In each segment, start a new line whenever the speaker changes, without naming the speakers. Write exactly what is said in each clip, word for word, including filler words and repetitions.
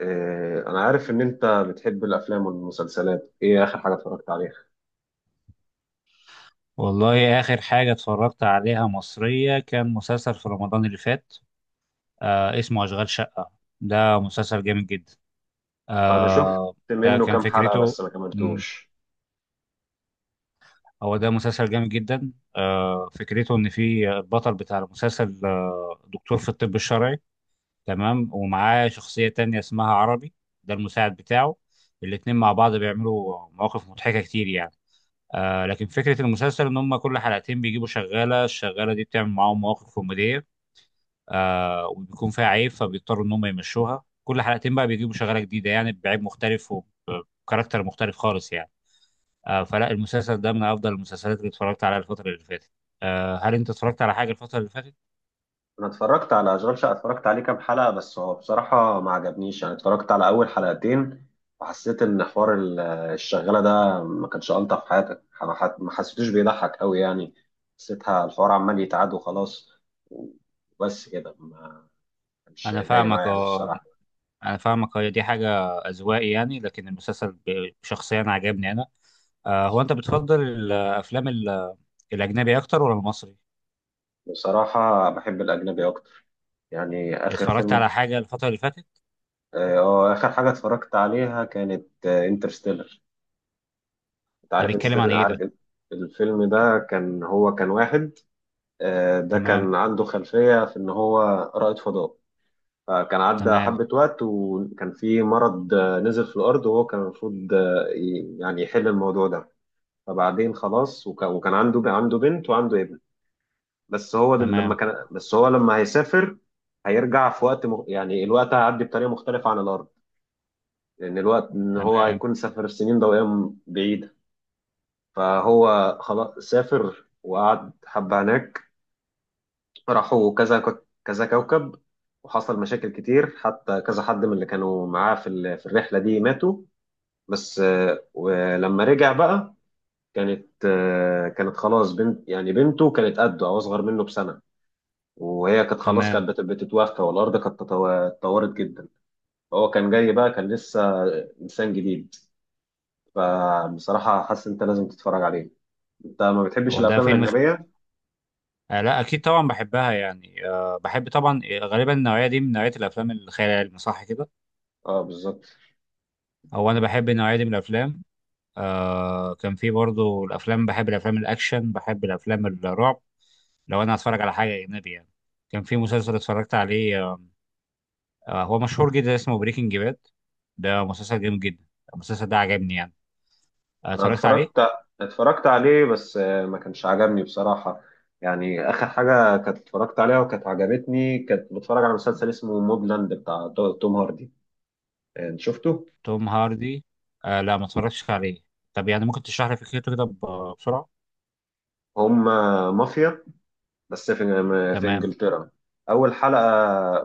آه، أنا عارف إن أنت بتحب الأفلام والمسلسلات، إيه آخر حاجة اتفرجت عليها؟
والله آخر حاجة اتفرجت عليها مصرية كان مسلسل في رمضان اللي فات. آه، اسمه أشغال شقة. ده مسلسل جامد جدا.
أنا شفت
آه، ده
منه
كان
كام حلقة
فكرته.
بس ما
مم،
كملتوش.
هو ده مسلسل جامد جدا. آه، فكرته إن في البطل بتاع المسلسل آه دكتور في الطب الشرعي. تمام، ومعاه شخصية تانية اسمها عربي، ده المساعد بتاعه. الاتنين مع بعض بيعملوا مواقف مضحكة كتير، يعني آه، لكن فكرة المسلسل إن هما كل حلقتين بيجيبوا شغالة. الشغالة دي بتعمل معاهم مواقف كوميدية، آه، وبيكون فيها عيب، فبيضطروا ان هم يمشوها. كل حلقتين بقى بيجيبوا شغاله جديده، يعني بعيب مختلف وكاركتر مختلف خالص، يعني آه، فلا المسلسل ده من افضل المسلسلات اللي اتفرجت عليها الفتره اللي فاتت. آه، هل انت اتفرجت على حاجه الفتره اللي فاتت؟
أنا اتفرجت على أشغال شقة، اتفرجت عليه كام حلقة، بس هو بصراحة ما عجبنيش، يعني اتفرجت على أول حلقتين وحسيت إن حوار ال- الشغالة ده ما كانش ألطف في حياتك، ما ح- ما حسيتوش بيضحك أوي يعني، حسيتها الحوار عمال يتعاد وخلاص. وبس كده ما كانش
انا
جاي
فاهمك،
معايا أوي
اه
الصراحة.
انا فاهمك، هي دي حاجه اذواقي يعني، لكن المسلسل ب- شخصيا عجبني انا. آه، هو انت بتفضل الافلام ال- الاجنبي اكتر ولا المصري؟
بصراحة بحب الأجنبي أكتر. يعني آخر
اتفرجت
فيلم،
على حاجه الفتره اللي فاتت؟
اه آه، اخر حاجه اتفرجت عليها كانت آه، انترستيلر. انت
ده
عارف
بيتكلم عن
انترستيلر،
ايه
عارف
ده؟
إنت- الفيلم ده كان هو كان واحد، آه، ده
تمام.
كان عنده خلفيه في ان هو رائد فضاء. فكان عدى
تمام.
حبه وقت، وكان في مرض، آه، نزل في الارض، وهو كان المفروض آه، ي- يعني يحل الموضوع ده. فبعدين خلاص، وكان وكان عنده ب- عنده بنت وعنده ابن. بس هو ده لما
تمام.
كان بس هو لما هيسافر، هيرجع في وقت مغ- يعني الوقت هيعدي بطريقه مختلفه عن الارض. لأن الوقت إن هو
تمام.
هيكون سافر السنين ضوئية بعيدة. فهو خلاص سافر وقعد حبة هناك، راحوا كذا كو- كذا كوكب. وحصل مشاكل كتير، حتى كذا حد من اللي كانوا معاه في ال- في الرحلة دي ماتوا. بس آه، ولما رجع بقى، كانت آه، كانت خلاص بنت، يعني بنته كانت قده أو أصغر منه بسنة. وهي كانت خلاص
تمام.
كانت بت- بتتوفى، والأرض كانت تطو- اتطورت جدا. فهو كان جاي بقى، كان لسه إنسان جديد. فبصراحة حاسس إن أنت لازم تتفرج عليه. أنت ما بتحبش
هو ده
الأفلام
فيلم خ...
الأجنبية؟
آه لا اكيد طبعا بحبها، يعني آه بحب طبعا، آه، غالبا النوعيه دي من نوعيه الافلام الخيال العلمي، صح كده؟
أه، بالظبط.
هو انا بحب النوعيه دي من الافلام. آه، كان في برضو الافلام، بحب الافلام الاكشن، بحب الافلام الرعب لو انا هتفرج على حاجه اجنبي، يعني كان في مسلسل اتفرجت عليه آه، آه، هو مشهور جدا، اسمه بريكنج باد. ده مسلسل جامد جدا، المسلسل ده عجبني يعني. آه،
أنا
اتفرجت عليه.
اتفرجت اتفرجت عليه، بس آه، ما كانش عجبني بصراحة. يعني آخر حاجة كانت اتفرجت عليها وكانت عجبتني كانت بتفرج على مسلسل اسمه موبلاند بتاع تو- توم هاردي. آه، شفته؟
توم هاردي؟ آه لا، ما اتفرجتش عليه. طب يعني ممكن تشرح لي فكرته كده ب- بسرعه؟
هم، مافيا، بس في في
تمام.
إنجلترا. أول حلقة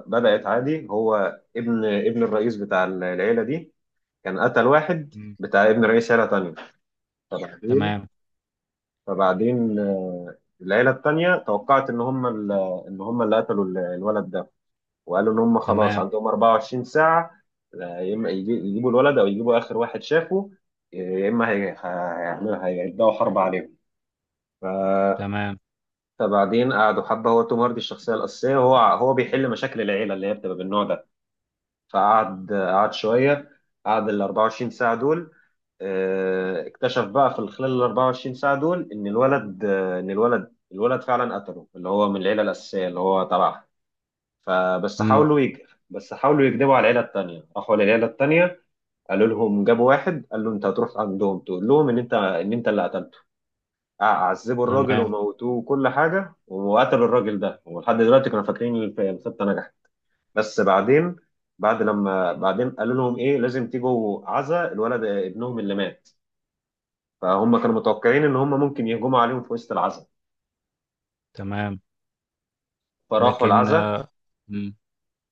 بدأت عادي، هو ابن ابن الرئيس بتاع العيلة دي كان قتل واحد
مم.
بتاع ابن رئيس عيلة تانية. فبعدين
تمام.
فبعدين آه، العيلة التانية توقعت إن هم ال- إن هم اللي قتلوا ال- الولد ده، وقالوا إن هم خلاص
تمام.
عندهم أربعة وعشرين ساعة، آه، يا إما يجي- يجيبوا الولد أو يجيبوا آخر واحد شافه، آه، يا إما هي- هيعملوا هيبدأوا حرب عليهم. ف-
تمام.
فبعدين قعدوا حبة، هو توم هاردي الشخصية الأساسية، هو هو بيحل مشاكل العيلة اللي هي بتبقى بالنوع ده. فقعد قعد شويه، قعد ال أربعة وعشرين ساعه دول. آه، اكتشف بقى في خلال ال أربعة وعشرين ساعه دول ان الولد آه، ان الولد الولد فعلا قتله اللي هو من العيله الاساسيه اللي هو تبعها. فبس
مم.
حاولوا يج... بس حاولوا يكذبوا على العيله التانيه، راحوا للعيله التانيه، قالوا لهم، جابوا واحد قال له: انت هتروح عندهم تقول لهم ان انت ان انت اللي قتلته. ع- عذبوا الراجل
تمام.
وموتوه وكل حاجه، وقتلوا الراجل ده، ولحد دلوقتي كانوا فاكرين إن الخطه نجحت. بس بعدين، بعد لما بعدين قالوا لهم: ايه لازم تيجوا عزا الولد ابنهم اللي مات. فهم كانوا متوقعين ان هم ممكن يهجموا عليهم في وسط العزا.
تمام.
فراحوا
لكن
العزا
آه، مم.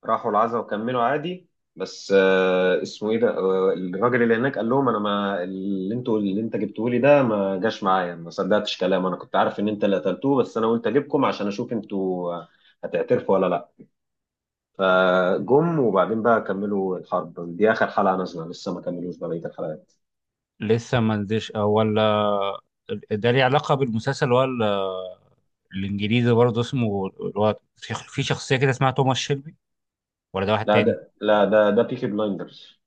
راحوا العزا وكملوا عادي. بس آه اسمه ايه ده، آه الراجل اللي هناك قال لهم: انا، ما اللي انتوا، اللي انت جبتوه لي ده ما جاش معايا، ما صدقتش كلامه. انا كنت عارف ان انت اللي قتلتوه، بس انا قلت اجيبكم عشان اشوف انتوا آه، هتعترفوا ولا لا. فجم، وبعدين بقى كملوا الحرب دي. اخر حلقه نازله لسه، ما كملوش بقيه الحلقات.
لسه ما نزلش آه، ولا آه، ده ليه علاقة بالمسلسل ولا الإنجليزي برضه؟ اسمه الواد في في شخصية كده اسمها توماس شيلبي، ولا ده واحد
لا،
تاني؟
ده لا ده ده بيكي بلايندرز.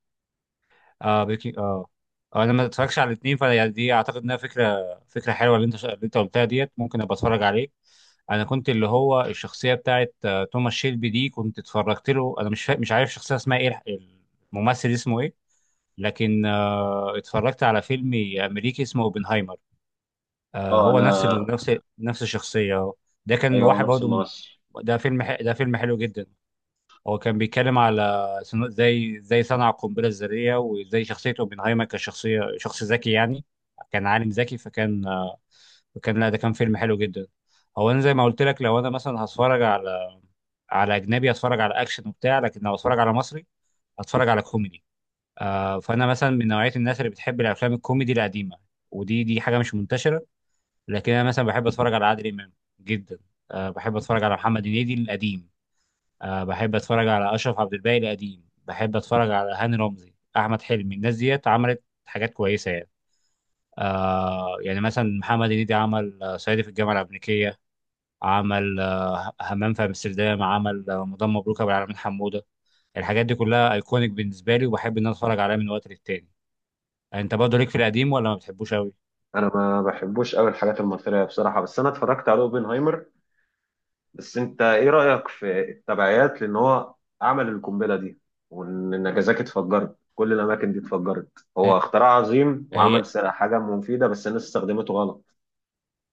اه بيكي، اه. آه، انا ما اتفرجش على الاثنين، فانا يعني دي اعتقد انها فكره، فكره حلوه اللي انت اللي انت قلتها ديت، ممكن ابقى اتفرج عليه. انا كنت اللي هو الشخصيه بتاعت آه، توماس شيلبي دي كنت اتفرجت له، انا مش فا... مش عارف الشخصيه اسمها ايه، الممثل اسمه ايه. لكن اتفرجت على فيلم امريكي اسمه اوبنهايمر. آه،
اه،
هو
انا.
نفس ال... نفس نفس الشخصيه. ده كان
ايوه، هو
واحد
نفس
برضه م-
الممثل.
ده فيلم ح... ده فيلم حلو جدا. هو كان بيتكلم على صنو- زي زي صنع القنبله الذريه، وزي شخصيه اوبنهايمر كشخصيه شخص ذكي يعني، كان عالم ذكي، فكان آه، فكان لا، ده كان فيلم حلو جدا. هو انا زي ما قلت لك، لو انا مثلا هتفرج على على اجنبي هتفرج على اكشن وبتاع، لكن لو هتفرج على مصري هتفرج على كوميدي. آه، فانا مثلا من نوعيه الناس اللي بتحب الافلام الكوميدي القديمه، ودي دي حاجه مش منتشره. لكن انا مثلا بحب اتفرج على عادل امام جدا. أه، بحب اتفرج على محمد هنيدي القديم. أه، بحب اتفرج على اشرف عبد الباقي القديم، بحب اتفرج على هاني رمزي، احمد حلمي. الناس ديت عملت حاجات كويسه يعني. أه، يعني مثلا محمد هنيدي عمل آه، صعيدي في الجامعه الامريكيه، عمل آه، همام في امستردام، عمل آه، مدام مبروك ابو العلمين حموده. الحاجات دي كلها ايكونيك بالنسبه لي، وبحب ان انا اتفرج عليها من وقت للتاني. انت برضه ليك في القديم ولا ما بتحبوش قوي؟
انا ما بحبوش قوي الحاجات المثيرة بصراحة، بس انا اتفرجت على اوبنهايمر. بس انت ايه رأيك في التبعيات؟ لان هو عمل القنبلة دي، وان نجازاكي اتفجرت، كل الاماكن دي اتفجرت.
ه-
هو اختراع عظيم
هي،
وعمل س- حاجة مفيدة، بس الناس استخدمته غلط.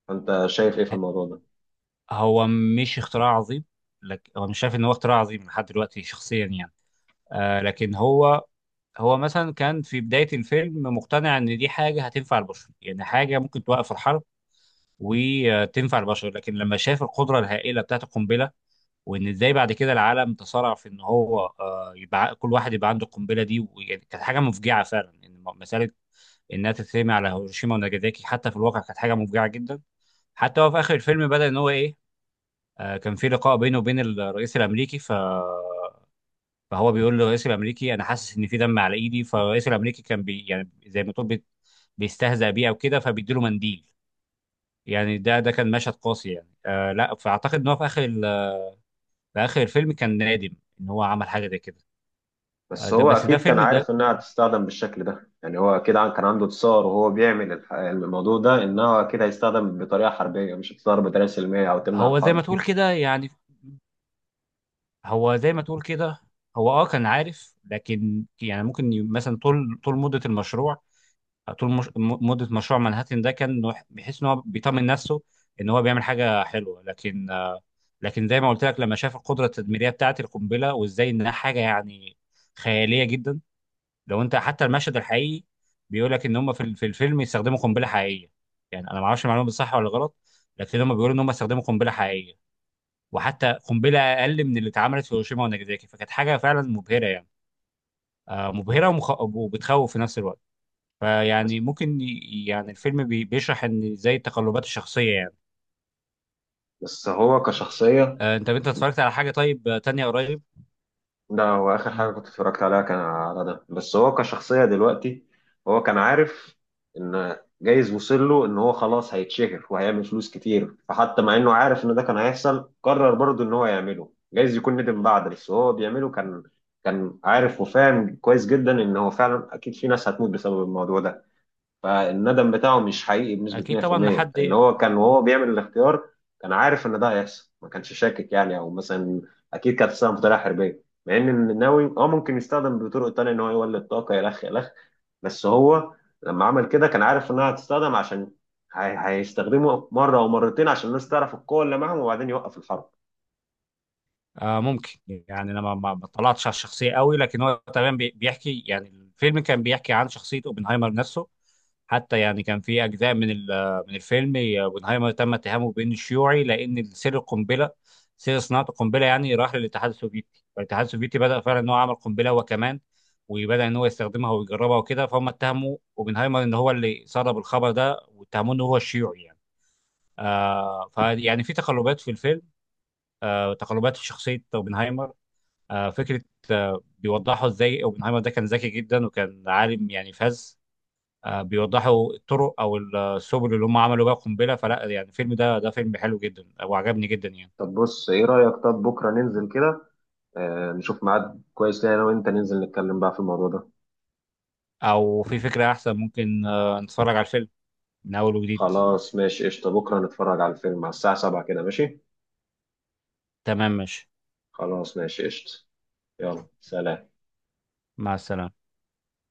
فانت شايف ايه في
ه-
الموضوع ده؟
هو مش اختراع عظيم. لك هو مش شايف ان هو اختراع عظيم لحد دلوقتي شخصيا يعني. آه، لكن هو هو مثلا كان في بداية الفيلم مقتنع ان دي حاجة هتنفع البشر، يعني حاجة ممكن توقف الحرب وتنفع البشر. لكن لما شاف القدرة الهائلة بتاعت القنبلة، وان ازاي بعد كده العالم تصارع في ان هو آه يبقى كل واحد يبقى عنده القنبلة دي، ويعني كانت حاجة مفجعة فعلا، ان مسألة انها تترمي على هيروشيما وناجازاكي حتى في الواقع كانت حاجة مفجعة جدا. حتى هو في اخر الفيلم بدا ان هو ايه، آه، كان في لقاء بينه وبين الرئيس الامريكي، ف فهو بيقول للرئيس الامريكي انا حاسس ان في دم على ايدي، فالرئيس الامريكي كان بي، يعني زي ما تقول بي- بيستهزأ بيه او كده، فبيديله منديل. يعني ده ده كان مشهد قاسي، يعني آه لا، فاعتقد ان هو في اخر ال- في اخر الفيلم كان نادم ان هو عمل حاجه زي كده. آه،
بس
ده
هو
بس ده
اكيد كان
فيلم ده،
عارف انها هتستخدم بالشكل ده. يعني هو اكيد عن- كان عنده تصور وهو بيعمل الح- الموضوع ده، انها اكيد هيستخدم بطريقه حربيه، مش هتستخدم بطريقه سلميه او تمنع
هو زي
الحرب.
ما تقول كده يعني، هو زي ما تقول كده. هو اه كان عارف، لكن يعني ممكن ي- مثلا طول طول مده المشروع، طول مش... م- مده مشروع مانهاتن، ده كان إنه بيحس ان هو بيطمن نفسه ان هو بيعمل حاجه حلوه. لكن لكن زي ما قلت لك، لما شاف القدره التدميريه بتاعه القنبله، وازاي انها حاجه يعني خياليه جدا. لو انت حتى المشهد الحقيقي بيقول لك ان هم في ال- في الفيلم يستخدموا قنبله حقيقيه، يعني انا ما اعرفش المعلومه دي صح ولا غلط، لكن هم بيقولوا ان هم استخدموا قنبله حقيقيه، وحتى قنبله اقل من اللي اتعملت في هيروشيما وناجازاكي، فكانت حاجه فعلا مبهره، يعني آه، مبهره ومخ... وبتخوف في نفس الوقت.
بس,
فيعني ممكن ي- يعني الفيلم بي- بيشرح ان زي التقلبات الشخصيه يعني.
بس هو كشخصيه،
آه، انت انت اتفرجت على حاجه طيب آه، تانية قريب؟
ده هو آخر حاجة
مم.
كنت اتفرجت عليها كان على ده، بس هو كشخصية دلوقتي. هو كان عارف إن جايز وصل له إن هو خلاص هيتشهر وهيعمل فلوس كتير، فحتى مع إنه عارف إن ده كان هيحصل قرر برضه إن هو يعمله. جايز يكون ندم بعد، بس هو بيعمله كان كان عارف وفاهم كويس جدا إن هو فعلا أكيد في ناس هتموت بسبب الموضوع ده. فالندم بتاعه مش حقيقي بنسبة
اكيد طبعا
مية في المية ان
لحد.
هو، كان وهو بيعمل الاختيار كان عارف ان ده هيحصل، ما كانش شاكك يعني او مثلا، اكيد كانت تستخدم بطريقة حربية، مع ان النووي اه ممكن يستخدم بطرق تانية ان هو يولد طاقة الخ الخ. بس هو لما عمل كده كان عارف انها هتستخدم، عشان هي- هيستخدمه مرة او مرتين عشان الناس تعرف القوة اللي معاهم وبعدين يوقف الحرب.
آه، ممكن يعني انا ما ما- ما اطلعتش على الشخصيه قوي، لكن هو تمام بي- بيحكي، يعني الفيلم كان بيحكي عن شخصيه اوبنهايمر نفسه. حتى يعني كان في اجزاء من ال- من الفيلم، اوبنهايمر تم اتهامه بانه شيوعي، لان سر القنبله، سر صناعه القنبله يعني راح للاتحاد السوفيتي، فالاتحاد السوفيتي بدا فعلا ان هو عمل قنبله هو كمان، وبدا ان هو يستخدمها ويجربها وكده، فهم اتهموا اوبنهايمر ان هو اللي سرب الخبر ده، واتهموه ان هو الشيوعي يعني. آه، فيعني في تقلبات في الفيلم، آه تقلبات في شخصيه اوبنهايمر. آه، فكره، آه، بيوضحوا ازاي اوبنهايمر ده كان ذكي جدا، وكان عالم يعني فذ. آه، بيوضحوا الطرق او السبل اللي هم عملوا بيها القنبله. فلا يعني الفيلم ده، ده فيلم حلو جدا وعجبني جدا يعني.
طب بص ايه رأيك، طب بكرة ننزل كده، آه نشوف ميعاد كويس لينا انا وانت ننزل نتكلم بقى في الموضوع ده.
او في فكره احسن، ممكن آه، نتفرج على الفيلم من اول وجديد.
خلاص ماشي قشطة، بكرة نتفرج على الفيلم على الساعة سبعة كده، ماشي؟
تمام ماشي.
خلاص ماشي قشطة. يلا سلام.
مع السلامه.